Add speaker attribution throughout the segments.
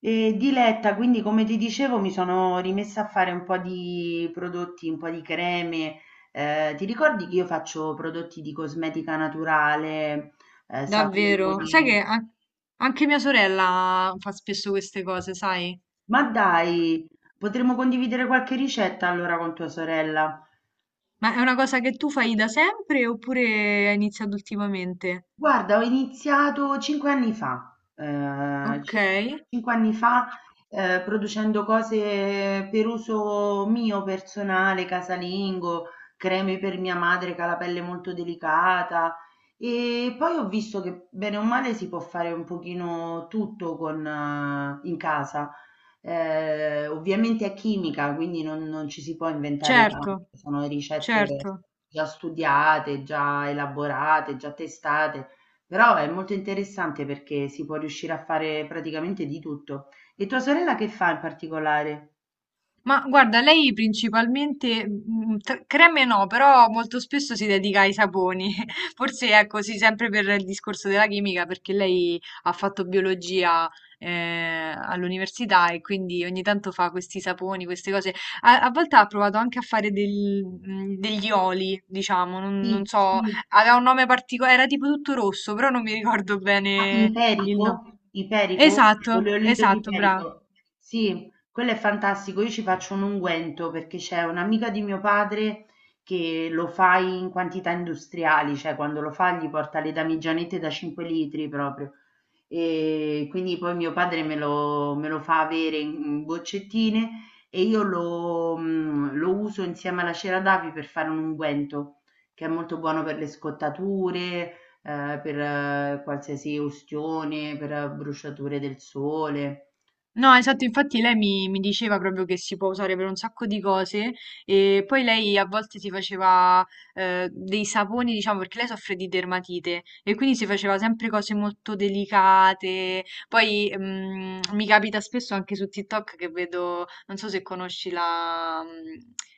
Speaker 1: E diletta, quindi come ti dicevo mi sono rimessa a fare un po' di prodotti, un po' di creme. Ti ricordi che io faccio prodotti di cosmetica naturale,
Speaker 2: Davvero?
Speaker 1: saponi?
Speaker 2: Anche mia sorella fa spesso queste cose, sai?
Speaker 1: Ma dai, potremmo condividere qualche ricetta allora con tua sorella.
Speaker 2: Ma è una cosa che tu fai da sempre oppure hai iniziato ultimamente?
Speaker 1: Guarda, ho iniziato 5 anni fa,
Speaker 2: Ok,
Speaker 1: circa 5 anni fa, producendo cose per uso mio personale, casalingo, creme per mia madre che ha la pelle molto delicata e poi ho visto che bene o male si può fare un pochino tutto con in casa. Ovviamente è chimica, quindi non ci si può inventare
Speaker 2: certo,
Speaker 1: tanto, sono ricette
Speaker 2: certo.
Speaker 1: già studiate, già elaborate, già testate. Però è molto interessante perché si può riuscire a fare praticamente di tutto. E tua sorella che fa in particolare?
Speaker 2: Ma guarda, lei principalmente, creme no, però molto spesso si dedica ai saponi. Forse è così sempre per il discorso della chimica, perché lei ha fatto biologia all'università e quindi ogni tanto fa questi saponi, queste cose. A volte ha provato anche a fare degli oli, diciamo, non
Speaker 1: Sì,
Speaker 2: so,
Speaker 1: sì.
Speaker 2: aveva un nome particolare, era tipo tutto rosso, però non mi ricordo
Speaker 1: Ah,
Speaker 2: bene il nome.
Speaker 1: Iperico? Iperico?
Speaker 2: Esatto,
Speaker 1: Oleolito di
Speaker 2: esatto, brava.
Speaker 1: Iperico. Sì, quello è fantastico. Io ci faccio un unguento perché c'è un'amica di mio padre che lo fa in quantità industriali, cioè quando lo fa gli porta le damigianette da 5 litri proprio. E quindi poi mio padre me lo fa avere in boccettine e io lo uso insieme alla cera d'api per fare un unguento che è molto buono per le scottature, per qualsiasi ustione, per bruciature del sole.
Speaker 2: No,
Speaker 1: Sì.
Speaker 2: esatto, infatti lei mi diceva proprio che si può usare per un sacco di cose e poi lei a volte si faceva dei saponi, diciamo, perché lei soffre di dermatite e quindi si faceva sempre cose molto delicate. Poi mi capita spesso anche su TikTok che vedo, non so se conosci la, mm,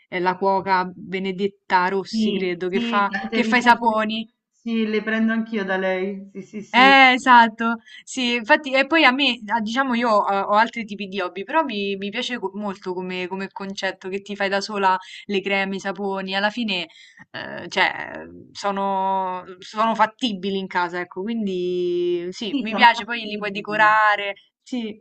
Speaker 2: eh, la cuoca Benedetta Rossi,
Speaker 1: Sì,
Speaker 2: credo,
Speaker 1: sì, tante
Speaker 2: che fa i
Speaker 1: ricette,
Speaker 2: saponi.
Speaker 1: sì, le prendo anch'io da lei. Sì, sì, sì.
Speaker 2: Eh, esatto, sì, infatti, e poi a me, ah, diciamo, ho altri tipi di hobby, però mi piace molto come, come concetto che ti fai da sola le creme, i saponi, alla fine, cioè, sono fattibili in casa, ecco, quindi sì,
Speaker 1: Sì,
Speaker 2: mi
Speaker 1: sono
Speaker 2: piace, poi li puoi
Speaker 1: fattibili.
Speaker 2: decorare, sì,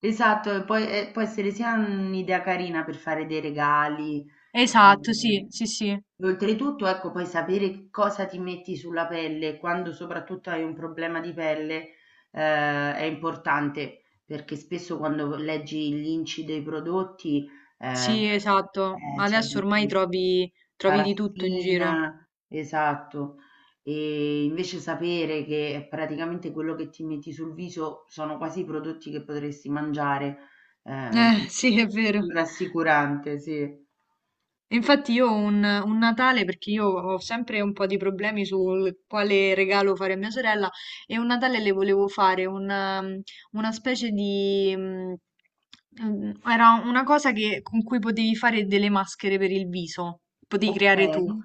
Speaker 1: Esatto, e poi e può essere sia un'idea carina per fare dei regali.
Speaker 2: esatto, sì,
Speaker 1: ehm,
Speaker 2: sì, sì,
Speaker 1: Oltretutto, ecco, puoi sapere che cosa ti metti sulla pelle quando soprattutto hai un problema di pelle, è importante perché spesso quando leggi gli inci dei prodotti,
Speaker 2: sì, esatto, ma
Speaker 1: c'è
Speaker 2: adesso
Speaker 1: di
Speaker 2: ormai
Speaker 1: più
Speaker 2: trovi di tutto in giro,
Speaker 1: paraffina, esatto. E invece sapere che praticamente quello che ti metti sul viso sono quasi i prodotti che potresti mangiare, ehm,
Speaker 2: sì, è vero.
Speaker 1: rassicurante, sì.
Speaker 2: E infatti io ho un Natale, perché io ho sempre un po' di problemi sul quale regalo fare a mia sorella, e un Natale le volevo fare una specie di... era una cosa con cui potevi fare delle maschere per il viso, potevi creare tu.
Speaker 1: Okay.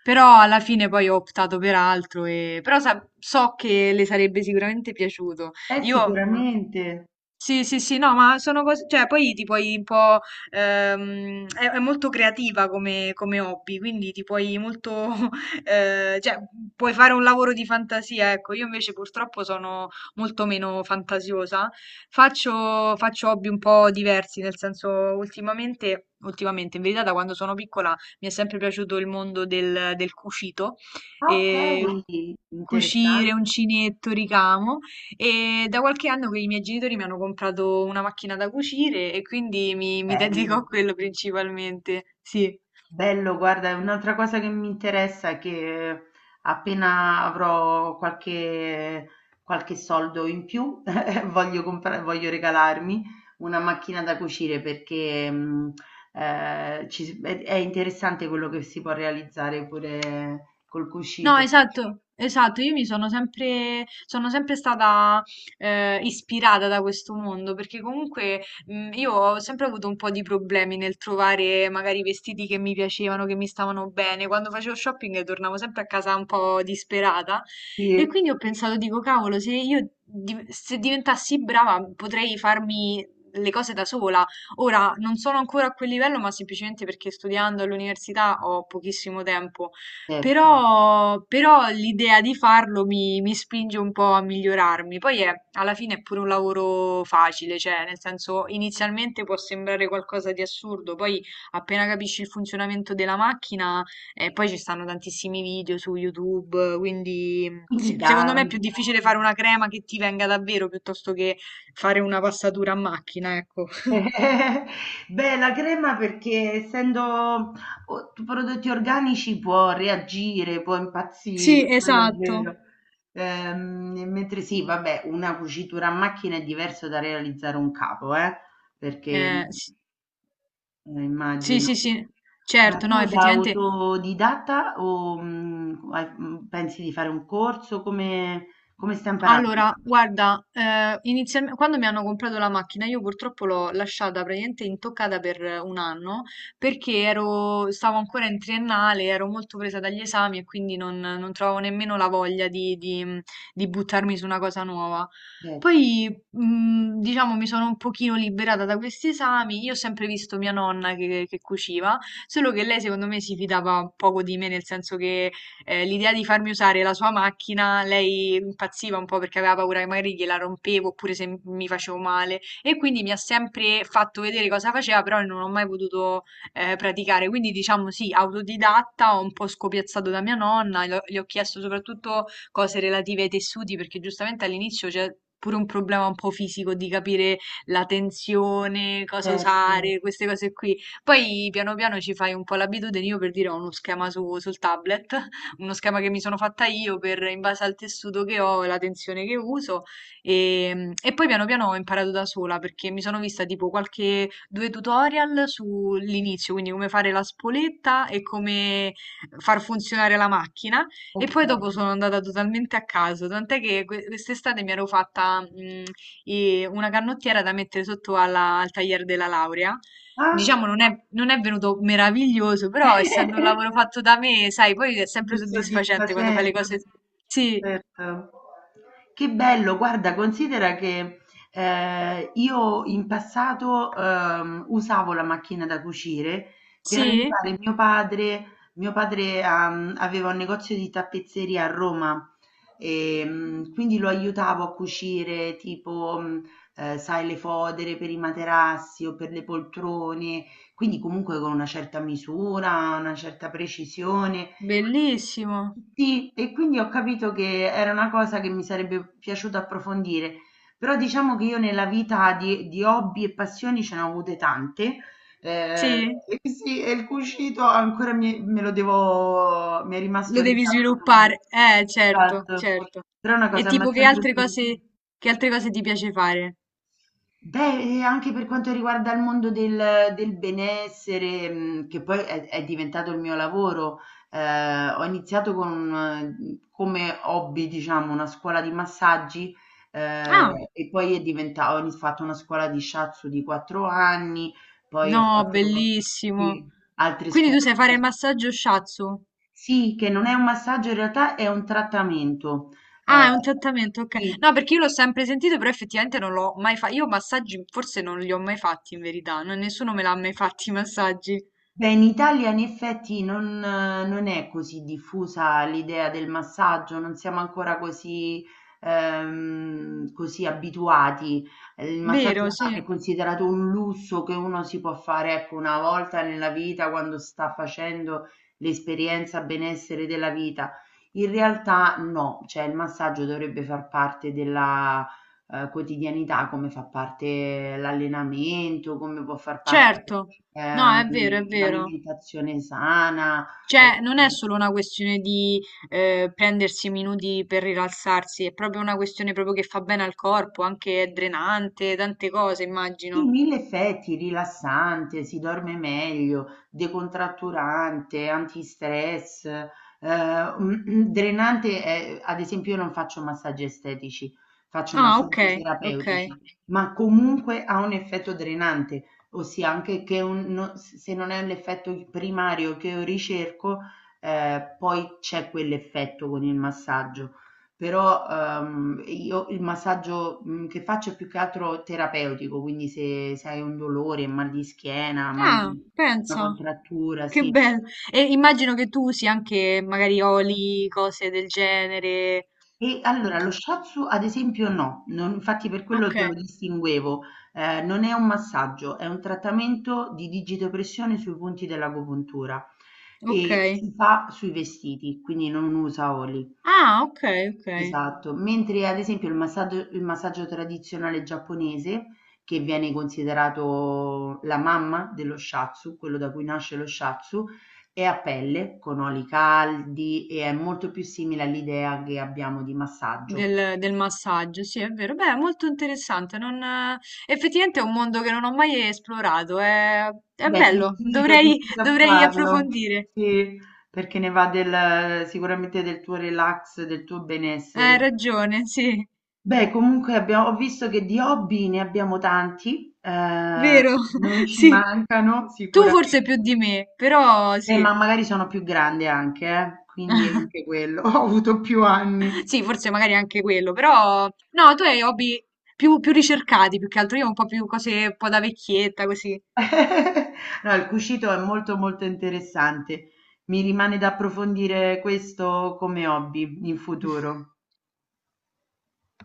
Speaker 2: Però alla fine poi ho optato per altro, e... però so che le sarebbe sicuramente piaciuto. Io mm,
Speaker 1: Sicuramente.
Speaker 2: sì, sì, sì, no, ma sono cose, cioè poi ti puoi un po', è molto creativa come, come hobby, quindi ti puoi molto, cioè puoi fare un lavoro di fantasia, ecco, io invece purtroppo sono molto meno fantasiosa, faccio hobby un po' diversi, nel senso ultimamente, in verità da quando sono piccola mi è sempre piaciuto il mondo del cucito,
Speaker 1: Ah,
Speaker 2: e
Speaker 1: okay, interessante,
Speaker 2: cucire, uncinetto, ricamo. E da qualche anno che i miei genitori mi hanno comprato una macchina da cucire e quindi mi dedico a
Speaker 1: bello.
Speaker 2: quello principalmente. Sì.
Speaker 1: Bello, guarda, è un'altra cosa che mi interessa è che appena avrò qualche soldo in più, voglio comprare, voglio regalarmi una macchina da cucire perché è interessante quello che si può realizzare pure col
Speaker 2: No,
Speaker 1: cucito.
Speaker 2: esatto, esatto, io mi sono sono sempre stata ispirata da questo mondo, perché comunque io ho sempre avuto un po' di problemi nel trovare magari vestiti che mi piacevano, che mi stavano bene. Quando facevo shopping tornavo sempre a casa un po' disperata e
Speaker 1: Sì,
Speaker 2: quindi ho pensato, dico, cavolo, se diventassi brava potrei farmi le cose da sola. Ora non sono ancora a quel livello, ma semplicemente perché studiando all'università ho pochissimo tempo
Speaker 1: certo.
Speaker 2: però, però l'idea di farlo mi spinge un po' a migliorarmi. Poi è, alla fine è pure un lavoro facile, cioè nel senso inizialmente può sembrare qualcosa di assurdo, poi appena capisci il funzionamento della macchina, poi ci stanno tantissimi video su YouTube, quindi sì,
Speaker 1: Quindi
Speaker 2: secondo
Speaker 1: da...
Speaker 2: me è più difficile fare una crema che ti venga davvero piuttosto che fare una passatura a macchina, ecco.
Speaker 1: Beh, la crema perché essendo prodotti organici può reagire, può impazzire,
Speaker 2: Sì,
Speaker 1: quello è
Speaker 2: esatto.
Speaker 1: vero. Mentre sì, vabbè, una cucitura a macchina è diverso da realizzare un capo, eh? Perché
Speaker 2: Sì, sì,
Speaker 1: immagino.
Speaker 2: sì, sì.
Speaker 1: Ma
Speaker 2: Certo, no,
Speaker 1: tu da
Speaker 2: effettivamente.
Speaker 1: autodidatta o pensi di fare un corso? Come, come stai imparando?
Speaker 2: Allora, guarda, inizialmente, quando mi hanno comprato la macchina, io purtroppo l'ho lasciata praticamente intoccata per un anno perché stavo ancora in triennale, ero molto presa dagli esami e quindi non trovavo nemmeno la voglia di buttarmi su una cosa nuova.
Speaker 1: Certo,
Speaker 2: Poi, diciamo, mi sono un pochino liberata da questi esami. Io ho sempre visto mia nonna che cuciva, solo che lei, secondo me, si fidava poco di me, nel senso che l'idea di farmi usare la sua macchina, lei impazziva un po' perché aveva paura che magari gliela rompevo oppure se mi facevo male e quindi mi ha sempre fatto vedere cosa faceva, però non ho mai potuto praticare. Quindi diciamo sì, autodidatta, ho un po' scopiazzato da mia nonna, gli ho chiesto soprattutto cose relative ai tessuti perché giustamente all'inizio c'è pure un problema un po' fisico di capire la tensione, cosa
Speaker 1: certo.
Speaker 2: usare, queste cose qui. Poi piano piano ci fai un po' l'abitudine, io per dire ho uno schema sul tablet, uno schema che mi sono fatta io per, in base al tessuto che ho e la tensione che uso. E poi piano piano ho imparato da sola perché mi sono vista tipo qualche due tutorial sull'inizio, quindi come fare la spoletta e come far funzionare la macchina. E
Speaker 1: Ok.
Speaker 2: poi dopo sono andata totalmente a caso, tant'è che quest'estate mi ero fatta una canottiera da mettere al tagliere della laurea.
Speaker 1: Ah?
Speaker 2: Diciamo non è venuto meraviglioso, però essendo un lavoro fatto da me, sai, poi è sempre
Speaker 1: Super
Speaker 2: soddisfacente quando fai le
Speaker 1: soddisfacente,
Speaker 2: cose. Sì,
Speaker 1: certo. Che bello, guarda, considera che io in passato usavo la macchina da cucire per
Speaker 2: sì,
Speaker 1: aiutare mio padre. Mio padre aveva un negozio di tappezzeria a Roma e quindi lo aiutavo a cucire tipo, sai, le fodere per i materassi o per le poltrone, quindi comunque con una certa misura, una certa precisione.
Speaker 2: bellissimo.
Speaker 1: Sì, e quindi ho capito che era una cosa che mi sarebbe piaciuto approfondire, però diciamo che io nella vita di hobby e passioni ce ne ho avute tante, eh,
Speaker 2: Sì,
Speaker 1: e sì, e il cucito ancora mi è
Speaker 2: lo
Speaker 1: rimasto lì
Speaker 2: devi
Speaker 1: da approfondire.
Speaker 2: sviluppare. Certo,
Speaker 1: Esatto.
Speaker 2: certo.
Speaker 1: Però è una
Speaker 2: E
Speaker 1: cosa che mi
Speaker 2: tipo
Speaker 1: ha sempre interessato.
Speaker 2: che altre cose ti piace fare?
Speaker 1: Beh, e anche per quanto riguarda il mondo del benessere, mhmm, che poi è diventato il mio lavoro, ho iniziato con come hobby, diciamo, una scuola di massaggi,
Speaker 2: Ah,
Speaker 1: okay, e poi è diventa ho ini fatto una scuola di shiatsu di 4 anni, poi ho
Speaker 2: no,
Speaker 1: fatto,
Speaker 2: bellissimo.
Speaker 1: sì, altre
Speaker 2: Quindi tu
Speaker 1: scuole,
Speaker 2: sai fare il massaggio shiatsu?
Speaker 1: sì, che non è un massaggio, in realtà è un trattamento. Ehm,
Speaker 2: Ah, è un trattamento, ok.
Speaker 1: sì.
Speaker 2: No, perché io l'ho sempre sentito, però effettivamente non l'ho mai fatto. Io massaggi forse non li ho mai fatti in verità, nessuno me l'ha mai fatti i massaggi.
Speaker 1: Beh, in Italia in effetti non è così diffusa l'idea del massaggio, non siamo ancora così così abituati. Il massaggio
Speaker 2: Vero, sì.
Speaker 1: è considerato un lusso che uno si può fare, ecco, 1 volta nella vita quando sta facendo l'esperienza benessere della vita. In realtà no, cioè il massaggio dovrebbe far parte della quotidianità, come fa parte l'allenamento, come può far parte,
Speaker 2: Certo. No, è vero, è vero.
Speaker 1: l'alimentazione sana
Speaker 2: Cioè,
Speaker 1: o
Speaker 2: non è solo una questione di prendersi minuti per rilassarsi, è proprio una questione proprio che fa bene al corpo, anche è drenante, tante cose,
Speaker 1: sì,
Speaker 2: immagino.
Speaker 1: mille effetti, rilassante, si dorme meglio, decontratturante, antistress, drenante. Eh, ad esempio, io non faccio massaggi estetici, faccio
Speaker 2: Ah, ok,
Speaker 1: massaggi
Speaker 2: ok.
Speaker 1: terapeutici, ma comunque ha un effetto drenante, ossia anche che un- no- se non è l'effetto primario che io ricerco, poi c'è quell'effetto con il massaggio. Però, io il massaggio, mhmm, che faccio è più che altro terapeutico, quindi se hai un dolore, mal di schiena, mal
Speaker 2: Ah,
Speaker 1: di una
Speaker 2: pensa.
Speaker 1: contrattura,
Speaker 2: Che
Speaker 1: sì.
Speaker 2: bello. E immagino che tu usi anche magari oli, cose del genere.
Speaker 1: E allora lo shiatsu ad esempio no, non infatti per quello
Speaker 2: Ok,
Speaker 1: te lo distinguevo. Non è un massaggio, è un trattamento di digitopressione sui punti dell'agopuntura
Speaker 2: ok.
Speaker 1: e si fa sui vestiti, quindi non usa oli.
Speaker 2: Ah, ok, ok.
Speaker 1: Esatto, mentre ad esempio il massaggio tradizionale giapponese, che viene considerato la mamma dello shiatsu, quello da cui nasce lo shiatsu, è a pelle, con oli caldi e è molto più simile all'idea che abbiamo di massaggio.
Speaker 2: Del, del massaggio, sì, è vero. Beh, è molto interessante. Non, effettivamente è un mondo che non ho mai esplorato. È
Speaker 1: Beh,
Speaker 2: bello,
Speaker 1: ti invito a
Speaker 2: dovrei
Speaker 1: farlo,
Speaker 2: approfondire.
Speaker 1: sì, perché ne va del, sicuramente del tuo relax, del tuo
Speaker 2: Hai
Speaker 1: benessere.
Speaker 2: ragione, sì,
Speaker 1: Beh, comunque abbia ho visto che di hobby ne abbiamo tanti,
Speaker 2: vero,
Speaker 1: non ci
Speaker 2: sì.
Speaker 1: mancano
Speaker 2: Tu forse più di
Speaker 1: sicuramente.
Speaker 2: me, però sì.
Speaker 1: Ma magari sono più grande anche, quindi anche quello, ho avuto più anni.
Speaker 2: Sì, forse magari anche quello, però no, tu hai hobby più ricercati più che altro, io ho un po' più cose un po' da vecchietta così.
Speaker 1: No, il cucito è molto molto interessante, mi rimane da approfondire questo come hobby in futuro.